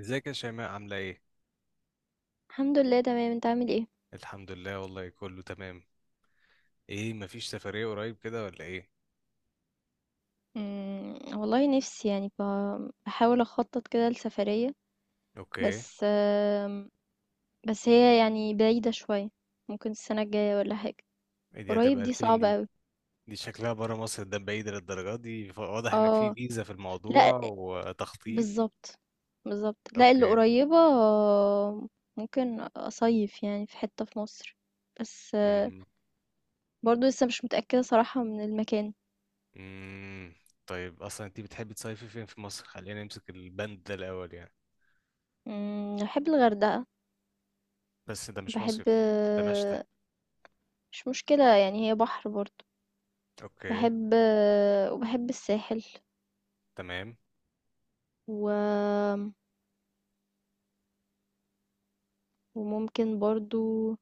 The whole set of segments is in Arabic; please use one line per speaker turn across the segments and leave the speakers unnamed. ازيك يا شيماء عاملة ايه؟
الحمد لله تمام، انت عامل ايه؟
الحمد لله والله كله تمام. ايه، مفيش سفرية قريب كده ولا ايه؟
والله نفسي يعني بحاول اخطط كده لسفرية.
اوكي.
بس بس هي يعني بعيدة شوية. ممكن السنة الجاية ولا حاجة.
ايه دي،
قريب
هتبقى
دي
لفين
صعبة
دي؟
اوي.
دي شكلها برا مصر، ده بعيد للدرجة دي، واضح ان في
اه.
فيزا في
لا.
الموضوع وتخطيط.
بالظبط. بالظبط، لا اللي
اوكي.
قريبة ممكن اصيف يعني في حتة في مصر. بس
امم.
برضو لسه مش متأكدة صراحة من المكان.
امم. طيب اصلا انت بتحبي تصيفي فين في مصر؟ خلينا نمسك البند ده الاول يعني.
بحب الغردقة.
بس ده مش
بحب.
مصيف، ده مشتى.
مش مشكلة، يعني هي بحر برضو.
اوكي.
باحب، وباحب الساحل.
تمام.
و... وممكن برضو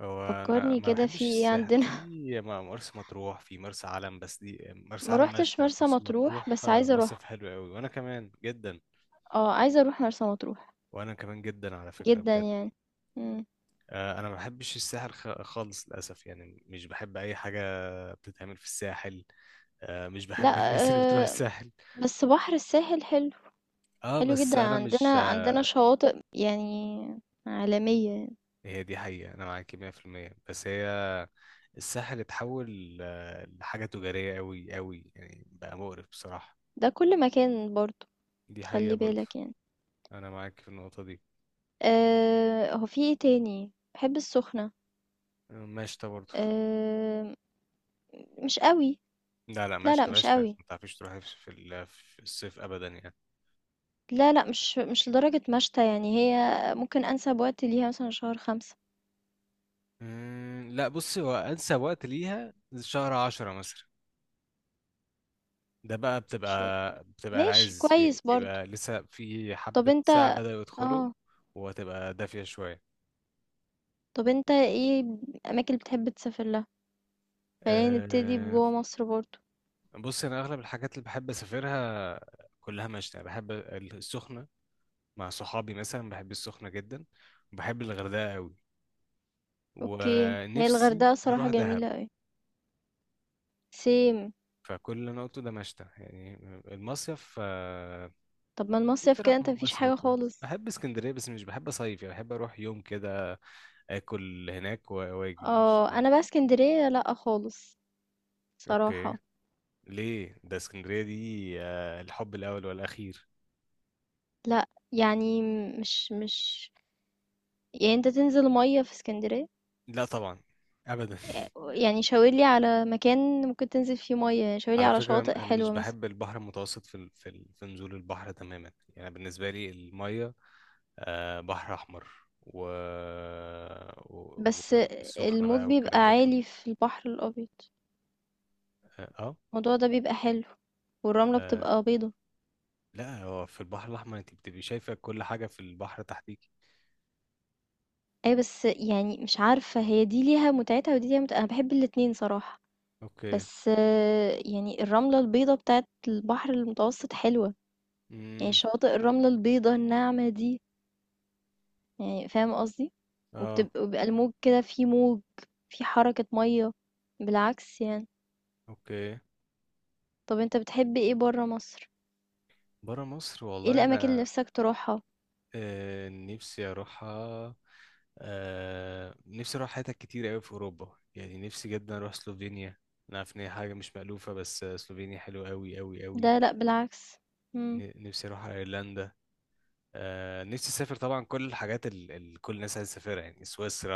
هو انا
فكرني
ما
كده في
بحبش
ايه
الساحل،
عندنا
في مرسى مطروح، في مرسى علم، بس دي مرسى
ما
علم
روحتش
مشتى،
مرسى
مرسى
مطروح
مطروح
بس عايزه اروح.
مصيف حلو قوي وانا كمان جدا.
اه، عايزه اروح مرسى مطروح.
وانا كمان جدا على فكره
جدا
بجد.
يعني. مم.
انا ما بحبش الساحل خالص للاسف، يعني مش بحب اي حاجه بتتعمل في الساحل. مش بحب
لا.
الناس اللي بتروح
آه.
الساحل.
بس بحر الساحل حلو.
اه
حلو
بس
جدا،
انا مش
عندنا عندنا شواطئ يعني عالمية.
هي دي حقيقه، انا معاكي 100% بس هي الساحل اتحول لحاجه تجاريه قوي قوي، يعني بقى مقرف بصراحه.
ده كل مكان برضو.
دي حقيقه
خلي
برضه.
بالك يعني.
انا معاك في النقطه دي.
آه، هو في ايه تاني. بحب السخنة.
مشتى برضه.
آه. مش قوي.
لا لا
لا
مشتى
مش
مشتى،
قوي.
ما تعرفيش تروحي في في الصيف ابدا يعني.
لا، مش لدرجة مَشْتَى، يعني هي ممكن أنسب وقت ليها مثلًا شهر 5.
أمم، لا بصي هو انسب وقت ليها شهر 10 مثلا. ده بقى
مش.
بتبقى
ماشي
العز
كويس برضه.
بيبقى لسه في
طَب
حبة
أنت
ساعة بدأوا يدخلوا،
آه،
وهتبقى دافية شوية.
طَب أنت إيه الأماكن اللي بتحب تسافر لها؟ خلّينا نبتدي
أه،
بجوّه مصر برضه.
بصي أنا أغلب الحاجات اللي بحب أسافرها كلها مشتى، بحب السخنة مع صحابي مثلا، بحب السخنة جدا، وبحب الغردقة قوي،
أوكي، هي
ونفسي
الغردقة الصراحة
أروح دهب.
جميلة أوي. same.
فكل اللي انا قلته ده مشتى يعني، المصيف
طَب ما المصيف
نفسي اروح
كده أنت ما فيش
مرسى
حاجة
مطروح.
خالص.
بحب اسكندريه بس مش بحب اصيف، يعني بحب اروح يوم كده، اكل هناك و واجي مش.
آه، أنا بقى إسكندرية لأ خالص
اوكي.
صراحة.
ليه ده؟ اسكندريه دي الحب الاول والاخير.
لأ، يعني مش يعني أنت تنزل مَيّة في إسكندرية؟
لا طبعا، ابدا
يعني شاورلي على مكان ممكن تنزل فيه مية، يعني شاورلي
على
على
فكره
شواطئ
انا مش
حلوة مثلا.
بحب البحر المتوسط في نزول البحر تماما، يعني بالنسبه لي الميه بحر احمر، و... و...
بس
والسخنه
الموج
بقى
بيبقى
والكلام ده كله.
عالي في البحر الأبيض،
اه
الموضوع ده بيبقى حلو، والرملة
آه،
بتبقى بيضة.
لا هو في البحر الأحمر أنت بتبقي شايفة كل حاجة في البحر تحتيكي.
أي بس يعني مش عارفة، هي دي ليها متعتها ودي ليها متعتها، أنا بحب الاتنين صراحة.
أوكي.
بس يعني الرملة البيضة بتاعت البحر المتوسط حلوة، يعني
امم.
شواطئ الرملة البيضة الناعمة دي، يعني فاهم قصدي.
اه.
وبيبقى الموج كده، فيه موج، فيه حركة مية، بالعكس يعني.
أوكي.
طب أنت بتحب إيه برا مصر؟
برا مصر،
إيه
والله
الأماكن اللي
أنا،
نفسك تروحها؟
نفسي أروحها. آه نفسي أروح حتت كتير أوي في أوروبا، يعني نفسي جدا أروح سلوفينيا. أنا عارف إن هي حاجة مش مألوفة بس سلوفينيا حلوة أوي أوي أوي.
ده لأ بالعكس. مم.
نفسي أروح أيرلندا. آه نفسي أسافر طبعا كل الحاجات اللي كل الناس عايزة تسافرها، يعني سويسرا،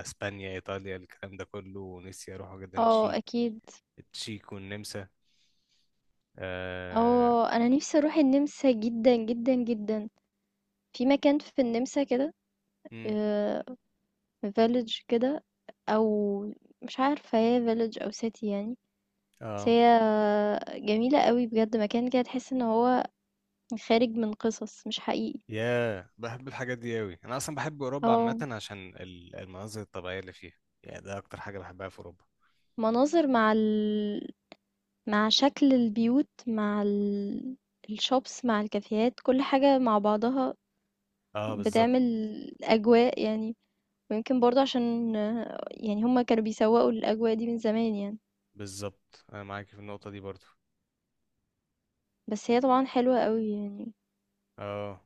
أسبانيا، إيطاليا، الكلام ده كله، ونفسي أروح جدا
اه
تشيك،
أكيد.
التشيك والنمسا. اه.
اه، أنا نفسي أروح النمسا جدا جدا جدا. في مكان في النمسا كده،
امم.
فيلج كده، أو مش عارفة هي فيلج أو سيتي يعني. بس
آه.
هي جميلة قوي بجد، مكان كده تحس ان هو خارج من قصص، مش حقيقي.
ياه، بحب الحاجات دي قوي، انا اصلا بحب اوروبا عامه
اه،
عشان المناظر الطبيعيه اللي فيها، يعني ده اكتر حاجه بحبها في اوروبا.
مناظر مع مع شكل البيوت، مع الشوبس مع الكافيهات، كل حاجة مع بعضها
اه بالظبط.
بتعمل أجواء يعني. ويمكن برضه عشان يعني هما كانوا بيسوقوا الأجواء دي من زمان يعني.
بالظبط انا معاك في النقطه دي برضو.
بس هي طبعا حلوة قوي يعني.
اه.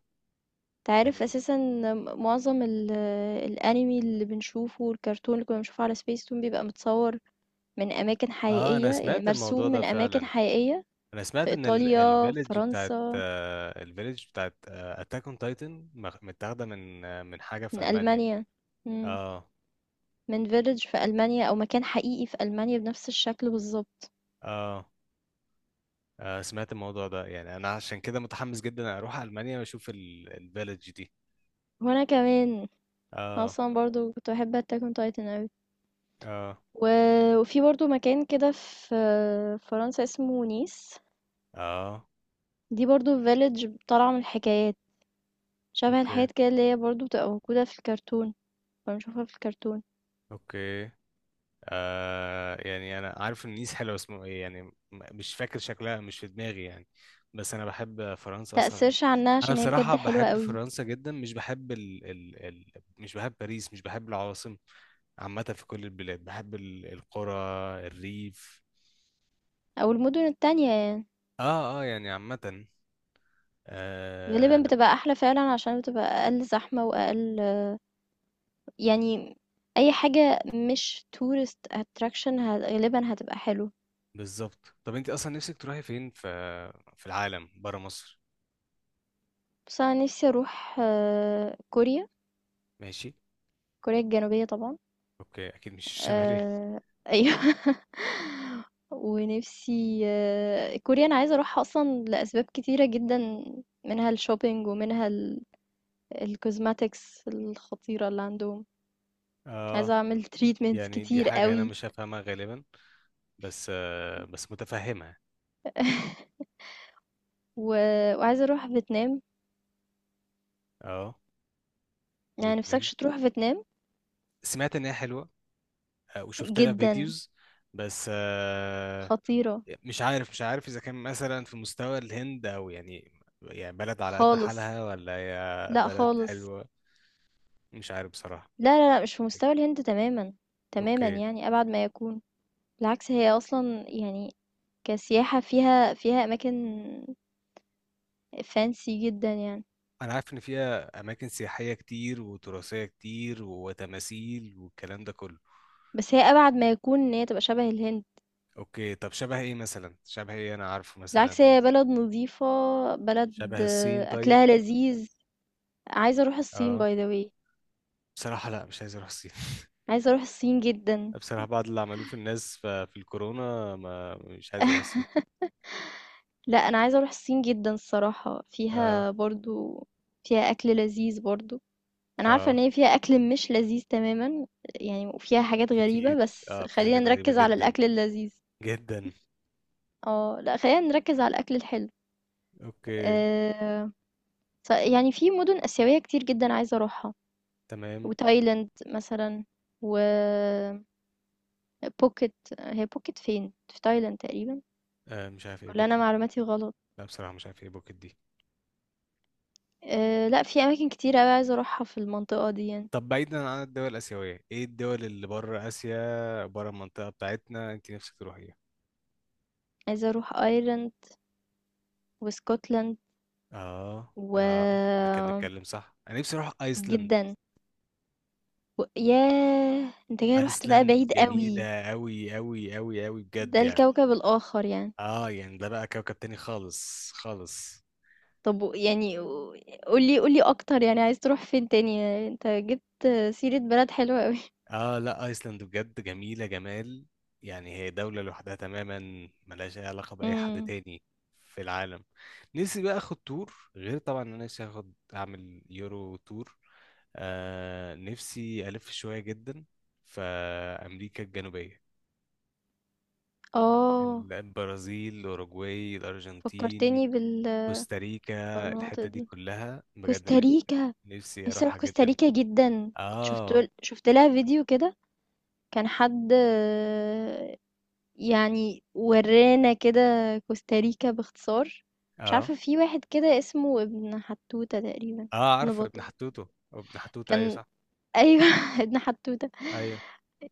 تعرف
يعني
أساسا معظم الأنمي اللي بنشوفه، والكرتون اللي كنا بنشوفه على سبيس تون، بيبقى متصور من أماكن
اه،
حقيقية،
انا
يعني
سمعت الموضوع
مرسوم
ده
من أماكن
فعلا.
حقيقية.
انا
في
سمعت ان
إيطاليا،
الفيلج بتاعت
فرنسا،
الفيلج بتاعت اتاك اون تايتن متاخده من من حاجه في
من
المانيا.
ألمانيا. مم.
اه
من village في ألمانيا، أو مكان حقيقي في ألمانيا بنفس الشكل بالضبط.
اه. سمعت الموضوع ده، يعني انا عشان كده متحمس جدا اروح المانيا واشوف الفيلج دي.
وأنا كمان. أنا
اه
أصلا برضو كنت بحب Attack on Titan أوي.
اه
و... وفي برضو مكان كده في فرنسا اسمه نيس.
اه.
دي برضو فيلج طالعة من الحكايات، شبه
اوكي.
الحاجات كده اللي هي برضو بتبقى موجودة في الكرتون، بنشوفها في الكرتون.
اوكي. يعني انا عارف ان نيس حلوه، اسمه ايه يعني، مش فاكر شكلها، مش في دماغي يعني، بس انا بحب فرنسا اصلا.
تأثيرش عنها
انا
عشان هي بجد
بصراحه
حلوة
بحب
قوي.
فرنسا جدا، مش بحب مش بحب باريس، مش بحب العواصم عامه. في كل البلاد بحب القرى، الريف.
أو المدن التانية يعني
اه اه، يعني عامه. آه.
غالبا بتبقى أحلى فعلا، عشان بتبقى أقل زحمة وأقل، يعني، أي حاجة مش tourist attraction ه غالبًا هتبقى حلوة.
بالظبط. طب انت اصلا نفسك تروحي فين في في العالم برا مصر؟
بس أنا نفسي أروح كوريا،
ماشي.
كوريا الجنوبية طبعًا.
اوكي، اكيد مش الشماليه.
آآ أيوه ونفسي كوريا أنا عايزة أروحها أصلًا لأسباب كتيرة جدًا، منها الshopping، ومنها ال الcosmetics الخطيرة اللي عندهم.
اه،
عايزة أعمل treatments
يعني دي
كتير
حاجة انا
أوي.
مش هفهمها غالبا بس بس متفهمها.
و وعايزة أروح فيتنام.
اه.
يعني
فيتنام
نفسكش تروح فيتنام؟
سمعت ان هي حلوة، آه وشفت لها
جدًا.
فيديوز بس
خطيرة.
مش عارف، مش عارف اذا كان مثلا في مستوى الهند، او يعني يعني بلد على قد
خالص.
حالها، ولا هي
لأ
بلد
خالص.
حلوة، مش عارف بصراحة.
لا، مش في مستوى الهند تمامًا، تمامًا
اوكي.
يعني أبعد ما يكون. بالعكس هي أصلًا يعني كسياحة فيها، فيها أماكن fancy جدًا يعني.
انا عارف ان فيها اماكن سياحية كتير وتراثية كتير وتماثيل والكلام ده كله.
بس هي أبعد ما يكون إن هي تبقى شبه الهند.
اوكي. طب شبه ايه مثلا؟ شبه ايه انا عارفه مثلا؟
بالعكس هي بلد نضيفة، بلد
شبه الصين طيب؟
أكلها لذيذ. عايزة أروح الصين
اه.
by the way.
بصراحة لا، مش عايز اروح الصين
عايزة أروح الصين جدًا.
بصراحة بعد اللي عملوه في الناس في الكورونا، ما مش عايز اروح الصين.
لأ أنا عايزة أروح الصين جدًا الصراحة،
اه
فيها برضه، فيها أكل لذيذ برضه. أنا عارفة إن
اه.
هي فيها أكل مش لذيذ تمامًا يعني، وفيها حاجات
كتير.
غريبة، بس
اه في
خلّينا
حاجات غريبة
نركّز على
جدا
الأكل اللذيذ.
جدا.
آه، لأ خلّينا نركّز على الأكل الحلو.
اوكي.
آآ، ف يعني في مُدن آسيوية كتير جدًا عايزة أروحها،
تمام.
وتايلاند مثلًا، و phuket. هي phuket فين؟ في تايلاند تقريبًا،
مش عارف ايه
والّا أنا
بوكيت.
معلوماتي غلط؟
لا بصراحة مش عارف ايه بوكيت دي.
لأ في أماكن كتير أوي عايزة أروحها في المنطقة دي يعني.
طب بعيدا عن الدول الآسيوية، ايه الدول اللي بره آسيا، بره المنطقة بتاعتنا، انت نفسك تروحيها؟
عايزة أروح أيرلند واسكتلند.
اه
و
اه، احنا كنا بنتكلم صح، انا نفسي اروح ايسلند.
جدًا. و ياه! أنت كده رُحت بقى
ايسلند
بعيد أوي.
جميلة أوي أوي أوي أوي بجد
ده
يعني.
الكوكب الآخر يعني.
اه يعني ده بقى كوكب تاني خالص خالص.
طب و قُل لي أكتر، يعني عايز تروح فين تاني؟ أنت جِبت سيرة بلد حلوة أوي.
اه، لا ايسلند بجد جميلة جمال، يعني هي دولة لوحدها تماما، ملهاش اي علاقة بأي حد
إمم.
تاني في العالم. نفسي بقى اخد تور، غير طبعا إن انا نفسي اخد اعمل يورو تور. نفسي الف شوية جدا في امريكا الجنوبية،
آه،
البرازيل، الاوروغواي، الارجنتين،
فكّرتني
كوستاريكا،
بالمناطق
الحتة دي
دي.
كلها بجد،
كوستاريكا،
نفسي
نِفْسي أروح
اروحها جدا.
كوستاريكا جدًا. كنت
اه
شُفت لها فيديو كده. كان حد يعني ورانا كده كوستاريكا باختصار. مش
اه.
عارفة، في واحد كده اسمه ابن حتوتة تقريبا،
اه
ابن
عارف ابن
بطة.
حتوتو. ابن حتوتو ايوه
كان.
صح.
ايوه ابن حتوتة.
ايوه.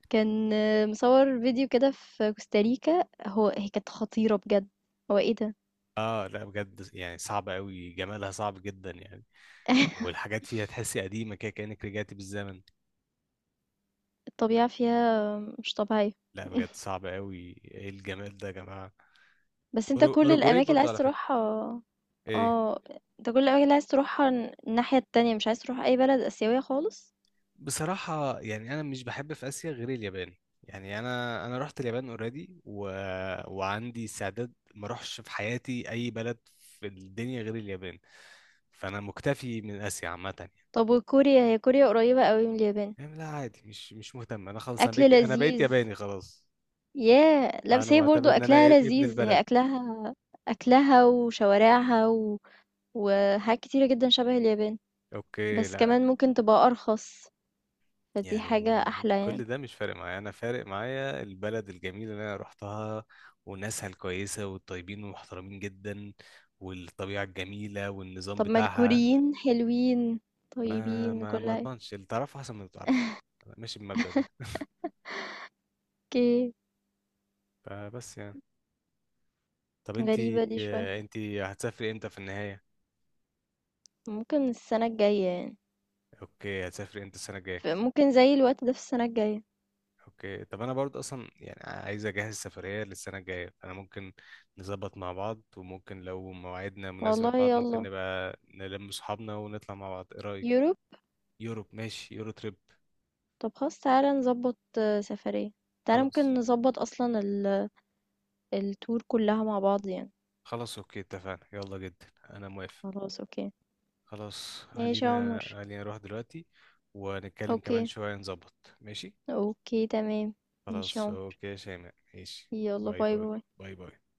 كان مصور فيديو كده في كوستاريكا، هو هي كانت خطيرة بجد. هو ايه ده.
اه لا بجد، يعني صعبة قوي، جمالها صعب جدا يعني. والحاجات فيها تحسي قديمة كده كأنك رجعتي بالزمن.
الطبيعة فيها مش طبيعية.
لا بجد صعبة قوي. ايه الجمال ده يا جماعة!
بس انت كل
اوروجواي
الأماكن اللي
برضه
عايز
على فكرة.
تروحها.
ايه؟
اه، انت كل الأماكن اللي عايز تروحها الناحية التانية، مش عايز تروح أي بلد آسيوية خالص.
بصراحة يعني انا مش بحب في اسيا غير اليابان، يعني انا رحت اليابان اوريدي، و... وعندي استعداد ما اروحش في حياتي اي بلد في الدنيا غير اليابان، فانا مكتفي من اسيا عامة يعني.
طب وكوريا، هي كوريا قريبة قوي من اليابان.
يعني لا عادي، مش مهتم انا، خلاص انا
أكل
بقيت انا بقيت
لذيذ.
ياباني خلاص.
ياه لا،
انا
بس هي
معتبر
برضو
ان انا
أكلها
ابن
لذيذ.
البلد.
هي أكلها، أكلها وشوارعها وحاجات كتيرة جدا شبه اليابان.
اوكي.
بس
لا
كمان ممكن تبقى أرخص، فدي حاجة
يعني
أحلى يعني.
كل ده مش فارق معايا، انا فارق معايا البلد الجميله اللي انا رحتها، وناسها الكويسه والطيبين والمحترمين جدا، والطبيعه الجميله والنظام
طب ما
بتاعها.
الكوريين حلوين
ما
طيبين
ما
كل
ما
حاجة.
اضمنش اللي تعرفه احسن من اللي ما تعرفوش، أنا ماشي بالمبدأ ده
اوكي.
فبس يعني. طب انتي،
غريبة دي شوية.
انتي هتسافري امتى في النهايه؟
ممكن السنة الجاية يعني.
اوكي، هتسافري امتى السنه الجايه.
ممكن زي الوقت ده في السنة الجاية.
اوكي. طب انا برضه اصلا يعني عايز اجهز سفرية للسنة الجاية، فانا ممكن نظبط مع بعض، وممكن لو مواعيدنا مناسبة
والله
لبعض، ممكن
يلا.
نبقى نلم صحابنا ونطلع مع بعض، ايه رأيك؟
يوروب.
يوروب ماشي، يورو تريب.
طب خلاص تعالى نظبط سفرية. تعالى
خلاص.
ممكن نظبط أصلا التور كلها مع بعض يعني.
خلاص اوكي اتفقنا، يلا جدا انا موافق.
خلاص. أوكي
خلاص.
ماشي يا
خلينا
عمر.
خلينا نروح دلوقتي ونتكلم كمان
أوكي.
شوية نظبط ماشي.
أوكي تمام. ماشي يا
خلاص
عمر.
اوكي يا شيماء، ماشي،
يلا
باي
باي
باي.
باي.
باي باي.